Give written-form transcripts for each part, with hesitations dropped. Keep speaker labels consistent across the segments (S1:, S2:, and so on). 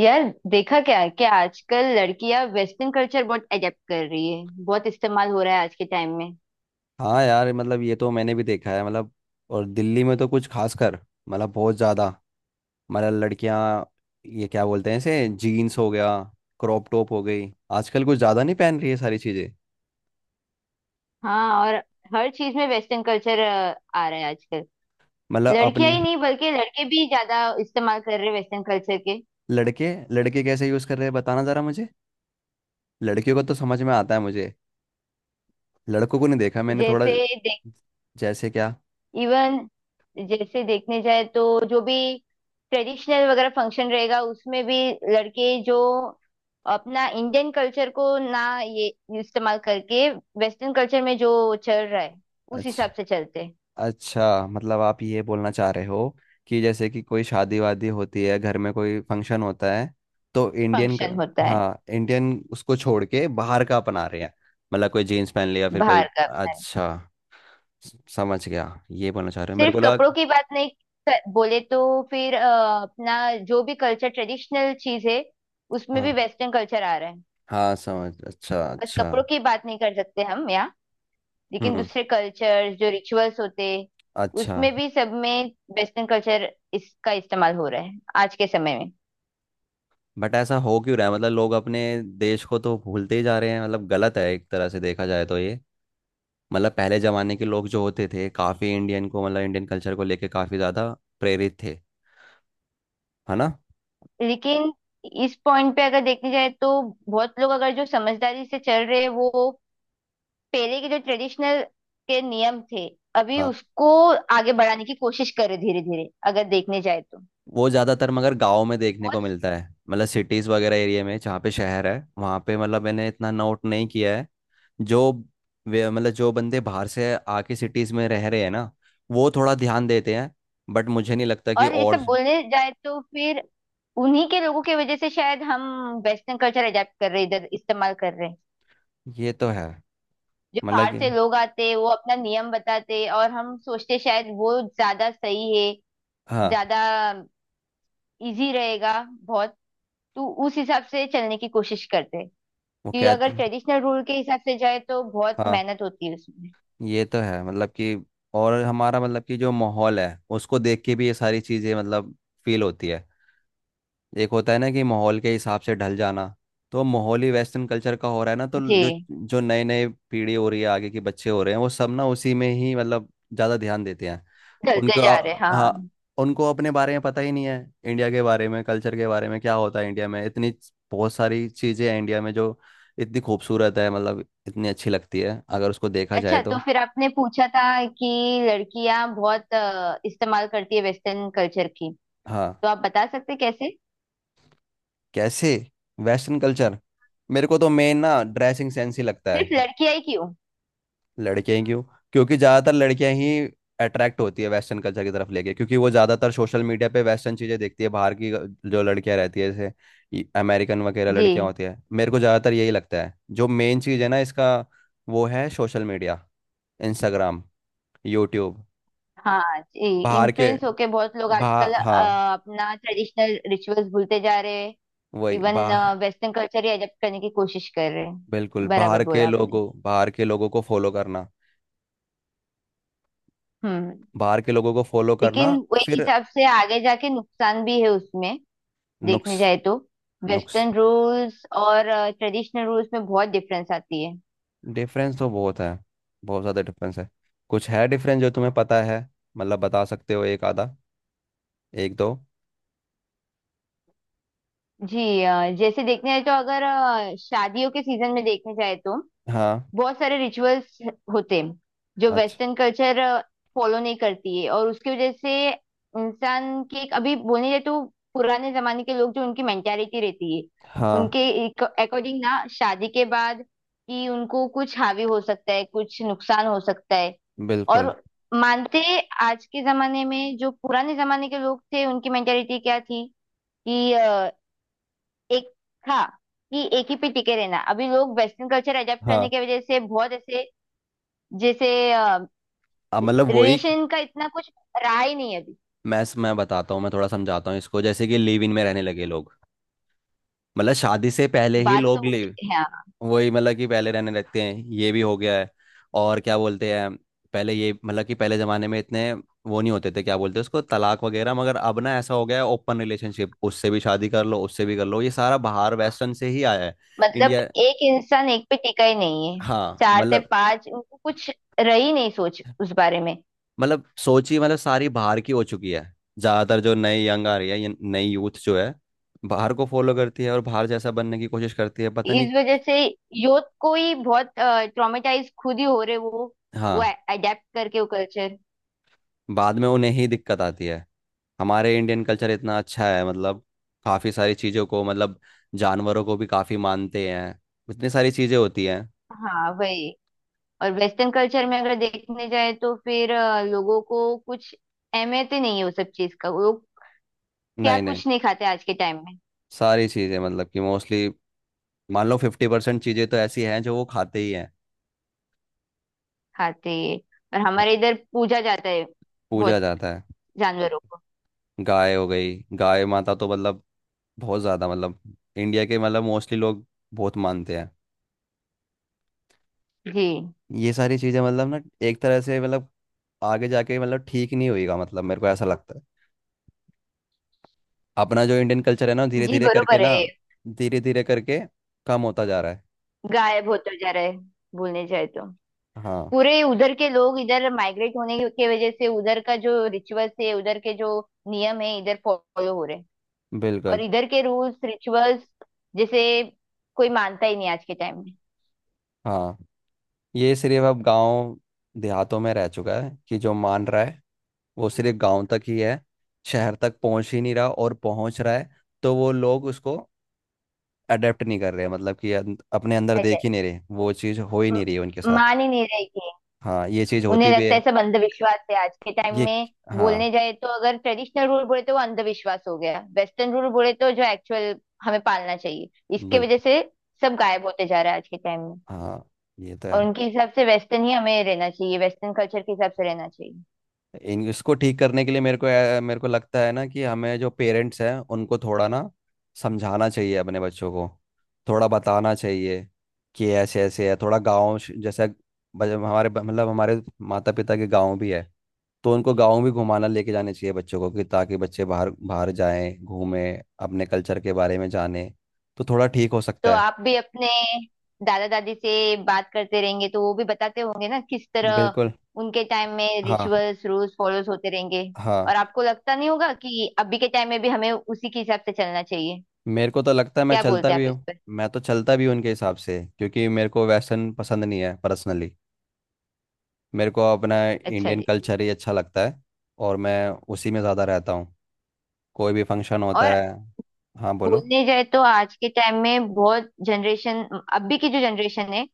S1: यार देखा क्या है कि आजकल लड़कियां वेस्टर्न कल्चर बहुत एडेप्ट कर रही है। बहुत इस्तेमाल हो रहा है आज के टाइम में।
S2: हाँ यार, मतलब ये तो मैंने भी देखा है। मतलब और दिल्ली में तो कुछ खासकर, मतलब बहुत ज़्यादा। मतलब लड़कियां, ये क्या बोलते हैं इसे, जीन्स हो गया, क्रॉप टॉप हो गई। आजकल कुछ ज़्यादा नहीं पहन रही है सारी चीज़ें।
S1: हाँ, और हर चीज में वेस्टर्न कल्चर आ रहा है आजकल।
S2: मतलब
S1: लड़कियां ही
S2: अपन।
S1: नहीं बल्कि लड़के भी ज्यादा इस्तेमाल कर रहे हैं वेस्टर्न कल्चर के।
S2: लड़के लड़के कैसे यूज़ कर रहे हैं बताना ज़रा मुझे। लड़कियों को तो समझ में आता है मुझे, लड़कों को नहीं देखा मैंने थोड़ा।
S1: जैसे देख,
S2: जैसे क्या?
S1: इवन जैसे देखने जाए तो जो भी ट्रेडिशनल वगैरह फंक्शन रहेगा उसमें भी लड़के जो अपना इंडियन कल्चर को ना ये इस्तेमाल करके वेस्टर्न कल्चर में जो चल रहा है उस हिसाब
S2: अच्छा।
S1: से चलते हैं।
S2: अच्छा, मतलब आप ये बोलना चाह रहे हो कि जैसे कि कोई शादी वादी होती है, घर में कोई फंक्शन होता है, तो इंडियन
S1: फंक्शन होता है
S2: हाँ, इंडियन उसको छोड़ के बाहर का अपना रहे हैं। मतलब कोई जीन्स पहन लिया, फिर कोई।
S1: बाहर का अपना है।
S2: अच्छा। समझ गया। ये बोलना चाह रहे हो, मेरे
S1: सिर्फ
S2: को लगा।
S1: कपड़ों की बात नहीं। क- बोले तो फिर अपना जो भी कल्चर ट्रेडिशनल चीज है उसमें भी
S2: हाँ
S1: वेस्टर्न कल्चर आ रहा है।
S2: हाँ, समझ। अच्छा
S1: बस
S2: अच्छा।
S1: कपड़ों की बात नहीं कर सकते हम यहाँ, लेकिन
S2: हम्म।
S1: दूसरे कल्चर जो रिचुअल्स होते
S2: अच्छा।
S1: उसमें भी, सब में वेस्टर्न कल्चर इसका इस्तेमाल हो रहा है आज के समय में।
S2: बट ऐसा हो क्यों रहा है? मतलब लोग अपने देश को तो भूलते ही जा रहे हैं। मतलब गलत है एक तरह से देखा जाए तो ये। मतलब पहले जमाने के लोग जो होते थे काफी इंडियन को, मतलब इंडियन कल्चर को लेके काफी ज्यादा प्रेरित थे, है ना।
S1: लेकिन इस पॉइंट पे अगर देखने जाए तो बहुत लोग अगर जो समझदारी से चल रहे हैं वो पहले के जो ट्रेडिशनल के नियम थे अभी
S2: हाँ,
S1: उसको आगे बढ़ाने की कोशिश करे धीरे धीरे, अगर देखने जाए तो
S2: वो ज्यादातर मगर गाँव में देखने को
S1: बहुत।
S2: मिलता है। मतलब सिटीज वगैरह एरिया में, जहाँ पे शहर है वहाँ पे, मतलब मैंने इतना नोट नहीं किया है। जो मतलब जो बंदे बाहर से आके सिटीज में रह रहे हैं ना, वो थोड़ा ध्यान देते हैं। बट मुझे नहीं लगता कि
S1: और ये
S2: और।
S1: सब बोलने जाए तो फिर उन्हीं के लोगों की वजह से शायद हम वेस्टर्न कल्चर अडेप्ट कर रहे, इधर इस्तेमाल कर रहे हैं।
S2: ये तो है।
S1: जो
S2: मतलब
S1: बाहर
S2: कि
S1: से लोग आते वो अपना नियम बताते और हम सोचते शायद वो ज्यादा सही है,
S2: हाँ।
S1: ज्यादा इजी रहेगा बहुत, तो उस हिसाब से चलने की कोशिश करते हैं
S2: वो
S1: कि अगर
S2: कहते।
S1: ट्रेडिशनल रूल के हिसाब से जाए तो बहुत
S2: हाँ,
S1: मेहनत होती है उसमें।
S2: ये तो है। मतलब कि और हमारा मतलब कि जो माहौल है उसको देख के भी ये सारी चीज़ें मतलब फील होती है। एक होता है ना कि माहौल के हिसाब से ढल जाना। तो माहौल ही वेस्टर्न कल्चर का हो रहा है ना, तो जो,
S1: जी।
S2: जो नए नए पीढ़ी हो रही है, आगे के बच्चे हो रहे हैं, वो सब ना उसी में ही मतलब ज़्यादा ध्यान देते हैं।
S1: चलते जा रहे,
S2: हाँ,
S1: हाँ।
S2: उनको अपने बारे में पता ही नहीं है। इंडिया के बारे में, कल्चर के बारे में क्या होता है इंडिया में, इतनी बहुत सारी चीज़ें हैं इंडिया में जो इतनी खूबसूरत है, मतलब इतनी अच्छी लगती है अगर उसको देखा जाए
S1: अच्छा तो
S2: तो।
S1: फिर आपने पूछा था कि लड़कियां बहुत इस्तेमाल करती है वेस्टर्न कल्चर की,
S2: हाँ।
S1: तो आप बता सकते कैसे।
S2: कैसे? वेस्टर्न कल्चर मेरे को तो मेन ना ड्रेसिंग सेंस ही लगता है।
S1: सिर्फ लड़कियां ही क्यों।
S2: लड़कियां ही क्यों? क्योंकि ज़्यादातर लड़कियां ही अट्रैक्ट होती है वेस्टर्न कल्चर की तरफ लेके, क्योंकि वो ज़्यादातर सोशल मीडिया पे वेस्टर्न चीज़ें देखती है बाहर की, जो लड़कियां रहती है, जैसे अमेरिकन वगैरह लड़कियां
S1: जी।
S2: होती है। मेरे को ज़्यादातर यही लगता है। जो मेन चीज़ है ना इसका, वो है सोशल मीडिया, इंस्टाग्राम, यूट्यूब,
S1: हाँ जी।
S2: बाहर के।
S1: इन्फ्लुएंस होके बहुत लोग
S2: बा
S1: आजकल
S2: हाँ
S1: अपना ट्रेडिशनल रिचुअल्स भूलते जा रहे हैं।
S2: वही।
S1: इवन
S2: बा
S1: वेस्टर्न कल्चर ही अडॉप्ट करने की कोशिश कर रहे हैं।
S2: बिल्कुल,
S1: बराबर बोला आपने।
S2: बाहर के लोगों को फॉलो करना।
S1: हम्म,
S2: बाहर के लोगों को फॉलो
S1: लेकिन
S2: करना।
S1: वो एक
S2: फिर।
S1: हिसाब से आगे जाके नुकसान भी है उसमें,
S2: नुक्स
S1: देखने जाए तो।
S2: नुक्स
S1: वेस्टर्न रूल्स और ट्रेडिशनल रूल्स में बहुत डिफरेंस आती है।
S2: डिफरेंस तो बहुत है, बहुत ज़्यादा डिफरेंस है। कुछ है डिफरेंस जो तुम्हें पता है? मतलब बता सकते हो एक आधा, एक दो।
S1: जी जैसे देखने जाए तो अगर शादियों के सीजन में देखने जाए तो
S2: हाँ।
S1: बहुत सारे रिचुअल्स होते हैं जो
S2: अच्छा।
S1: वेस्टर्न कल्चर फॉलो नहीं करती है और उसकी वजह से इंसान की एक, अभी बोलने जाए तो पुराने जमाने के लोग जो, उनकी मेंटालिटी रहती है
S2: हाँ।
S1: उनके अकॉर्डिंग ना, शादी के बाद कि उनको कुछ हावी हो सकता है, कुछ नुकसान हो सकता है। और
S2: बिल्कुल।
S1: मानते हैं, आज के जमाने में जो पुराने जमाने के लोग थे उनकी मेंटेलिटी क्या थी कि एक था कि एक ही पे टिके रहना। अभी लोग वेस्टर्न कल्चर अडेप्ट करने
S2: हाँ।
S1: की वजह से बहुत ऐसे, जैसे
S2: अब मतलब वही।
S1: रिलेशन का इतना कुछ रहा ही नहीं है अभी।
S2: मैं बताता हूँ, मैं थोड़ा समझाता हूँ इसको। जैसे कि लिव इन में रहने लगे लोग, मतलब शादी से पहले ही
S1: बात
S2: लोग
S1: तो,
S2: लिव।
S1: हाँ।
S2: वही, मतलब कि पहले रहने लगते हैं, ये भी हो गया है। और क्या बोलते हैं, पहले ये मतलब कि पहले जमाने में इतने वो नहीं होते थे, क्या बोलते हैं उसको, तलाक वगैरह। मगर अब ना ऐसा हो गया है, ओपन रिलेशनशिप, उससे भी शादी कर लो, उससे भी कर लो, ये सारा बाहर वेस्टर्न से ही आया है।
S1: मतलब
S2: इंडिया।
S1: एक इंसान एक पे टिका ही नहीं है,
S2: हाँ
S1: चार से
S2: मतलब।
S1: पांच, उनको कुछ रही नहीं सोच उस बारे में।
S2: मतलब सोचिए, मतलब सारी बाहर की हो चुकी है। ज्यादातर जो नई यंग आ रही है, ये नई यूथ जो है, बाहर को फॉलो करती है और बाहर जैसा बनने की कोशिश करती है, पता नहीं।
S1: इस वजह से यूथ को ही बहुत ट्रॉमेटाइज खुद ही हो रहे वो
S2: हाँ।
S1: वो अडेप्ट करके वो कल्चर।
S2: बाद में उन्हें ही दिक्कत आती है। हमारे इंडियन कल्चर इतना अच्छा है, मतलब काफ़ी सारी चीज़ों को मतलब जानवरों को भी काफ़ी मानते हैं। इतनी सारी चीज़ें होती हैं।
S1: हाँ वही। और वेस्टर्न कल्चर में अगर देखने जाए तो फिर लोगों को कुछ अहमियत ही नहीं है उस सब चीज का। वो लोग क्या
S2: नहीं नहीं,
S1: कुछ नहीं खाते आज के टाइम में,
S2: सारी चीज़ें मतलब कि मोस्टली मान लो 50% चीज़ें तो ऐसी हैं जो वो खाते ही हैं।
S1: खाते। और हमारे इधर पूजा जाता है
S2: पूजा
S1: बहुत,
S2: जाता है,
S1: जानवरों को।
S2: गाय हो गई, गाय माता तो मतलब बहुत ज़्यादा, मतलब इंडिया के मतलब मोस्टली लोग बहुत मानते हैं।
S1: जी।
S2: ये सारी चीज़ें मतलब ना एक तरह से मतलब आगे जाके मतलब ठीक नहीं होएगा, मतलब मेरे को ऐसा लगता है। अपना जो इंडियन कल्चर है ना धीरे
S1: जी
S2: धीरे करके
S1: बरोबर
S2: ना,
S1: है।
S2: धीरे धीरे करके कम होता जा रहा है।
S1: गायब बहुत हो जा रहा है, बोलने जाए तो।
S2: हाँ।
S1: पूरे उधर के लोग इधर माइग्रेट होने के वजह से उधर का जो रिचुअल्स है, उधर के जो नियम है इधर फॉलो हो रहे हैं। और
S2: बिल्कुल।
S1: इधर के रूल्स रिचुअल्स जैसे कोई मानता ही नहीं आज के टाइम में।
S2: हाँ। ये सिर्फ अब गांव देहातों में रह चुका है, कि जो मान रहा है वो सिर्फ गांव तक ही है। शहर तक पहुंच ही नहीं रहा, और पहुंच रहा है तो वो लोग उसको अडेप्ट नहीं कर रहे। मतलब कि अपने अंदर देख
S1: ऐसे
S2: ही नहीं रहे, वो चीज़ हो ही
S1: म-
S2: नहीं रही है उनके साथ।
S1: मान ही नहीं रहे।
S2: हाँ, ये चीज़
S1: उन्हें
S2: होती भी
S1: लगता है
S2: है।
S1: सब अंधविश्वास है आज के टाइम
S2: ये।
S1: में।
S2: हाँ।
S1: बोलने जाए तो अगर ट्रेडिशनल रूल बोले तो वो अंधविश्वास हो गया, वेस्टर्न रूल बोले तो जो एक्चुअल हमें पालना चाहिए। इसके वजह
S2: बिल्कुल।
S1: से सब गायब होते जा रहा है आज के टाइम में।
S2: हाँ। ये तो है।
S1: और उनके हिसाब से वेस्टर्न ही हमें रहना चाहिए, वेस्टर्न कल्चर के हिसाब से रहना चाहिए।
S2: इसको ठीक करने के लिए मेरे को मेरे को लगता है ना, कि हमें जो पेरेंट्स हैं उनको थोड़ा ना समझाना चाहिए अपने बच्चों को, थोड़ा बताना चाहिए कि ऐसे ऐसे है। थोड़ा गाँव जैसे, मतलब हमारे माता पिता के गाँव भी है, तो उनको गाँव भी घुमाना लेके जाने चाहिए बच्चों को, कि ताकि बच्चे बाहर बाहर जाएं, घूमें, अपने कल्चर के बारे में जाने, तो थोड़ा ठीक हो
S1: तो
S2: सकता है।
S1: आप भी अपने दादा दादी से बात करते रहेंगे तो वो भी बताते होंगे ना किस तरह
S2: बिल्कुल।
S1: उनके टाइम में
S2: हाँ।
S1: रिचुअल्स रूल्स फॉलोस होते रहेंगे।
S2: हाँ।
S1: और आपको लगता नहीं होगा कि अभी के टाइम में भी हमें उसी के हिसाब से चलना चाहिए?
S2: मेरे को तो लगता है मैं
S1: क्या
S2: चलता
S1: बोलते हैं
S2: भी
S1: आप
S2: हूँ।
S1: इस?
S2: मैं तो चलता भी हूँ उनके हिसाब से, क्योंकि मेरे को वेस्टर्न पसंद नहीं है पर्सनली। मेरे को अपना
S1: अच्छा
S2: इंडियन
S1: जी।
S2: कल्चर ही अच्छा लगता है, और मैं उसी में ज़्यादा रहता हूँ। कोई भी फंक्शन होता
S1: और
S2: है। हाँ बोलो।
S1: बोलने जाए तो आज के टाइम में बहुत जनरेशन, अभी की जो जनरेशन है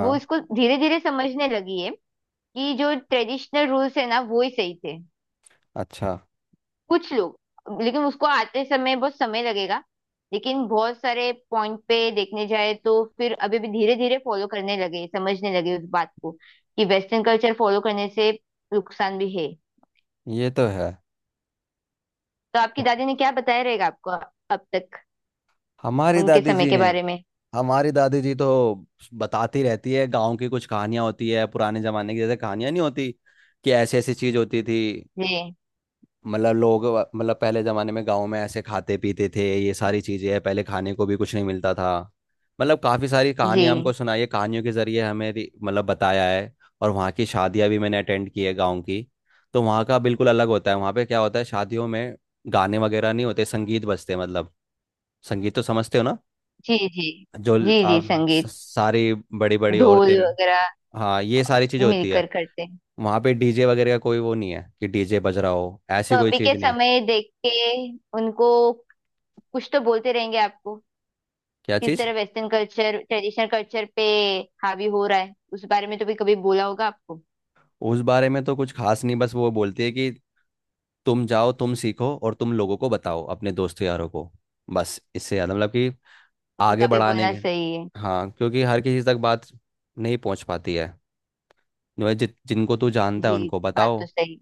S1: वो इसको धीरे धीरे समझने लगी है कि जो ट्रेडिशनल रूल्स है ना वो ही सही थे।
S2: अच्छा।
S1: कुछ लोग, लेकिन उसको आते समय बहुत समय लगेगा। लेकिन बहुत सारे पॉइंट पे देखने जाए तो फिर अभी भी धीरे धीरे फॉलो करने लगे, समझने लगे उस बात को कि वेस्टर्न कल्चर फॉलो करने से नुकसान भी है।
S2: ये तो है।
S1: तो आपकी
S2: तो
S1: दादी ने क्या बताया रहेगा आपको अब तक
S2: हमारी
S1: उनके
S2: दादी
S1: समय
S2: जी
S1: के
S2: ने,
S1: बारे में?
S2: हमारी दादी जी तो बताती रहती है गांव की। कुछ कहानियां होती है पुराने जमाने की, जैसे कहानियां नहीं होती, कि ऐसी ऐसी चीज होती थी।
S1: जी।
S2: मतलब लोग मतलब पहले जमाने में गांव में ऐसे खाते पीते थे, ये सारी चीजें हैं। पहले खाने को भी कुछ नहीं मिलता था, मतलब काफी सारी कहानियां हमको
S1: जी।
S2: सुनाई है। कहानियों के जरिए हमें मतलब बताया है। और वहाँ की शादियां भी मैंने अटेंड की है गाँव की, तो वहाँ का बिल्कुल अलग होता है। वहाँ पे क्या होता है शादियों में, गाने वगैरह नहीं होते, संगीत बजते हैं, मतलब संगीत तो समझते हो ना,
S1: जी जी।
S2: जो
S1: जी जी
S2: आप
S1: संगीत,
S2: सारी बड़ी बड़ी औरतें।
S1: ढोल वगैरह
S2: हाँ, ये सारी चीजें होती
S1: मिलकर
S2: है।
S1: करते हैं।
S2: वहाँ पे डीजे वगैरह का कोई वो नहीं है, कि डीजे बज रहा हो, ऐसी
S1: तो
S2: कोई
S1: अभी के
S2: चीज नहीं है।
S1: समय देख के उनको कुछ तो बोलते रहेंगे आपको,
S2: क्या
S1: किस
S2: चीज?
S1: तरह वेस्टर्न कल्चर ट्रेडिशनल कल्चर पे हावी हो रहा है। उस बारे में तो भी कभी बोला होगा आपको।
S2: उस बारे में तो कुछ खास नहीं, बस वो बोलती है कि तुम जाओ तुम सीखो और तुम लोगों को बताओ अपने दोस्तों यारों को। बस इससे ज़्यादा मतलब कि आगे
S1: उनका भी
S2: बढ़ाने
S1: बोलना
S2: के।
S1: सही है।
S2: हाँ, क्योंकि हर किसी तक बात नहीं पहुंच पाती है। जो जिनको तू जानता है
S1: जी,
S2: उनको
S1: बात
S2: बताओ,
S1: तो सही।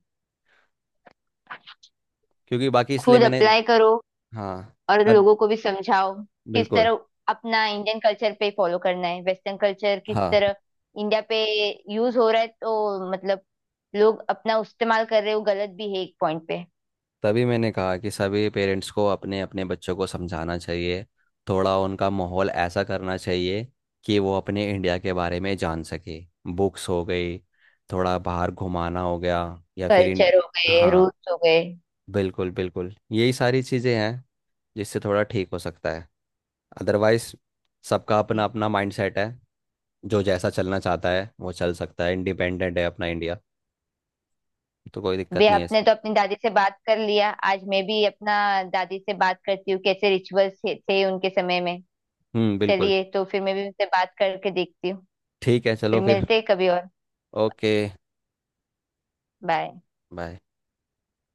S2: क्योंकि बाकी इसलिए
S1: खुद
S2: मैंने।
S1: अप्लाई करो
S2: हाँ।
S1: और
S2: अब।
S1: लोगों को भी समझाओ किस
S2: बिल्कुल।
S1: तरह अपना इंडियन कल्चर पे फॉलो करना है, वेस्टर्न कल्चर किस
S2: हाँ।
S1: तरह इंडिया पे यूज हो रहा है। तो मतलब लोग अपना इस्तेमाल कर रहे हो, गलत भी है एक पॉइंट पे।
S2: तभी मैंने कहा कि सभी पेरेंट्स को अपने अपने बच्चों को समझाना चाहिए। थोड़ा उनका माहौल ऐसा करना चाहिए कि वो अपने इंडिया के बारे में जान सके। बुक्स हो गई, थोड़ा बाहर घुमाना हो गया, या फिर इंड।
S1: कल्चर हो गए,
S2: हाँ
S1: रूल्स हो गए।
S2: बिल्कुल, बिल्कुल यही सारी चीज़ें हैं जिससे थोड़ा ठीक हो सकता है। अदरवाइज सबका
S1: जी।
S2: अपना अपना माइंडसेट है। जो जैसा चलना चाहता है वो चल सकता है, इंडिपेंडेंट है अपना इंडिया, तो कोई
S1: बे
S2: दिक्कत नहीं है
S1: आपने
S2: इसमें।
S1: तो अपनी दादी से बात कर लिया, आज मैं भी अपना दादी से बात करती हूँ कैसे रिचुअल्स थे उनके समय में।
S2: हम्म। बिल्कुल।
S1: चलिए तो फिर मैं भी उनसे बात करके देखती हूँ।
S2: ठीक है, चलो
S1: फिर
S2: फिर।
S1: मिलते हैं कभी और।
S2: ओके।
S1: बाय।
S2: बाय।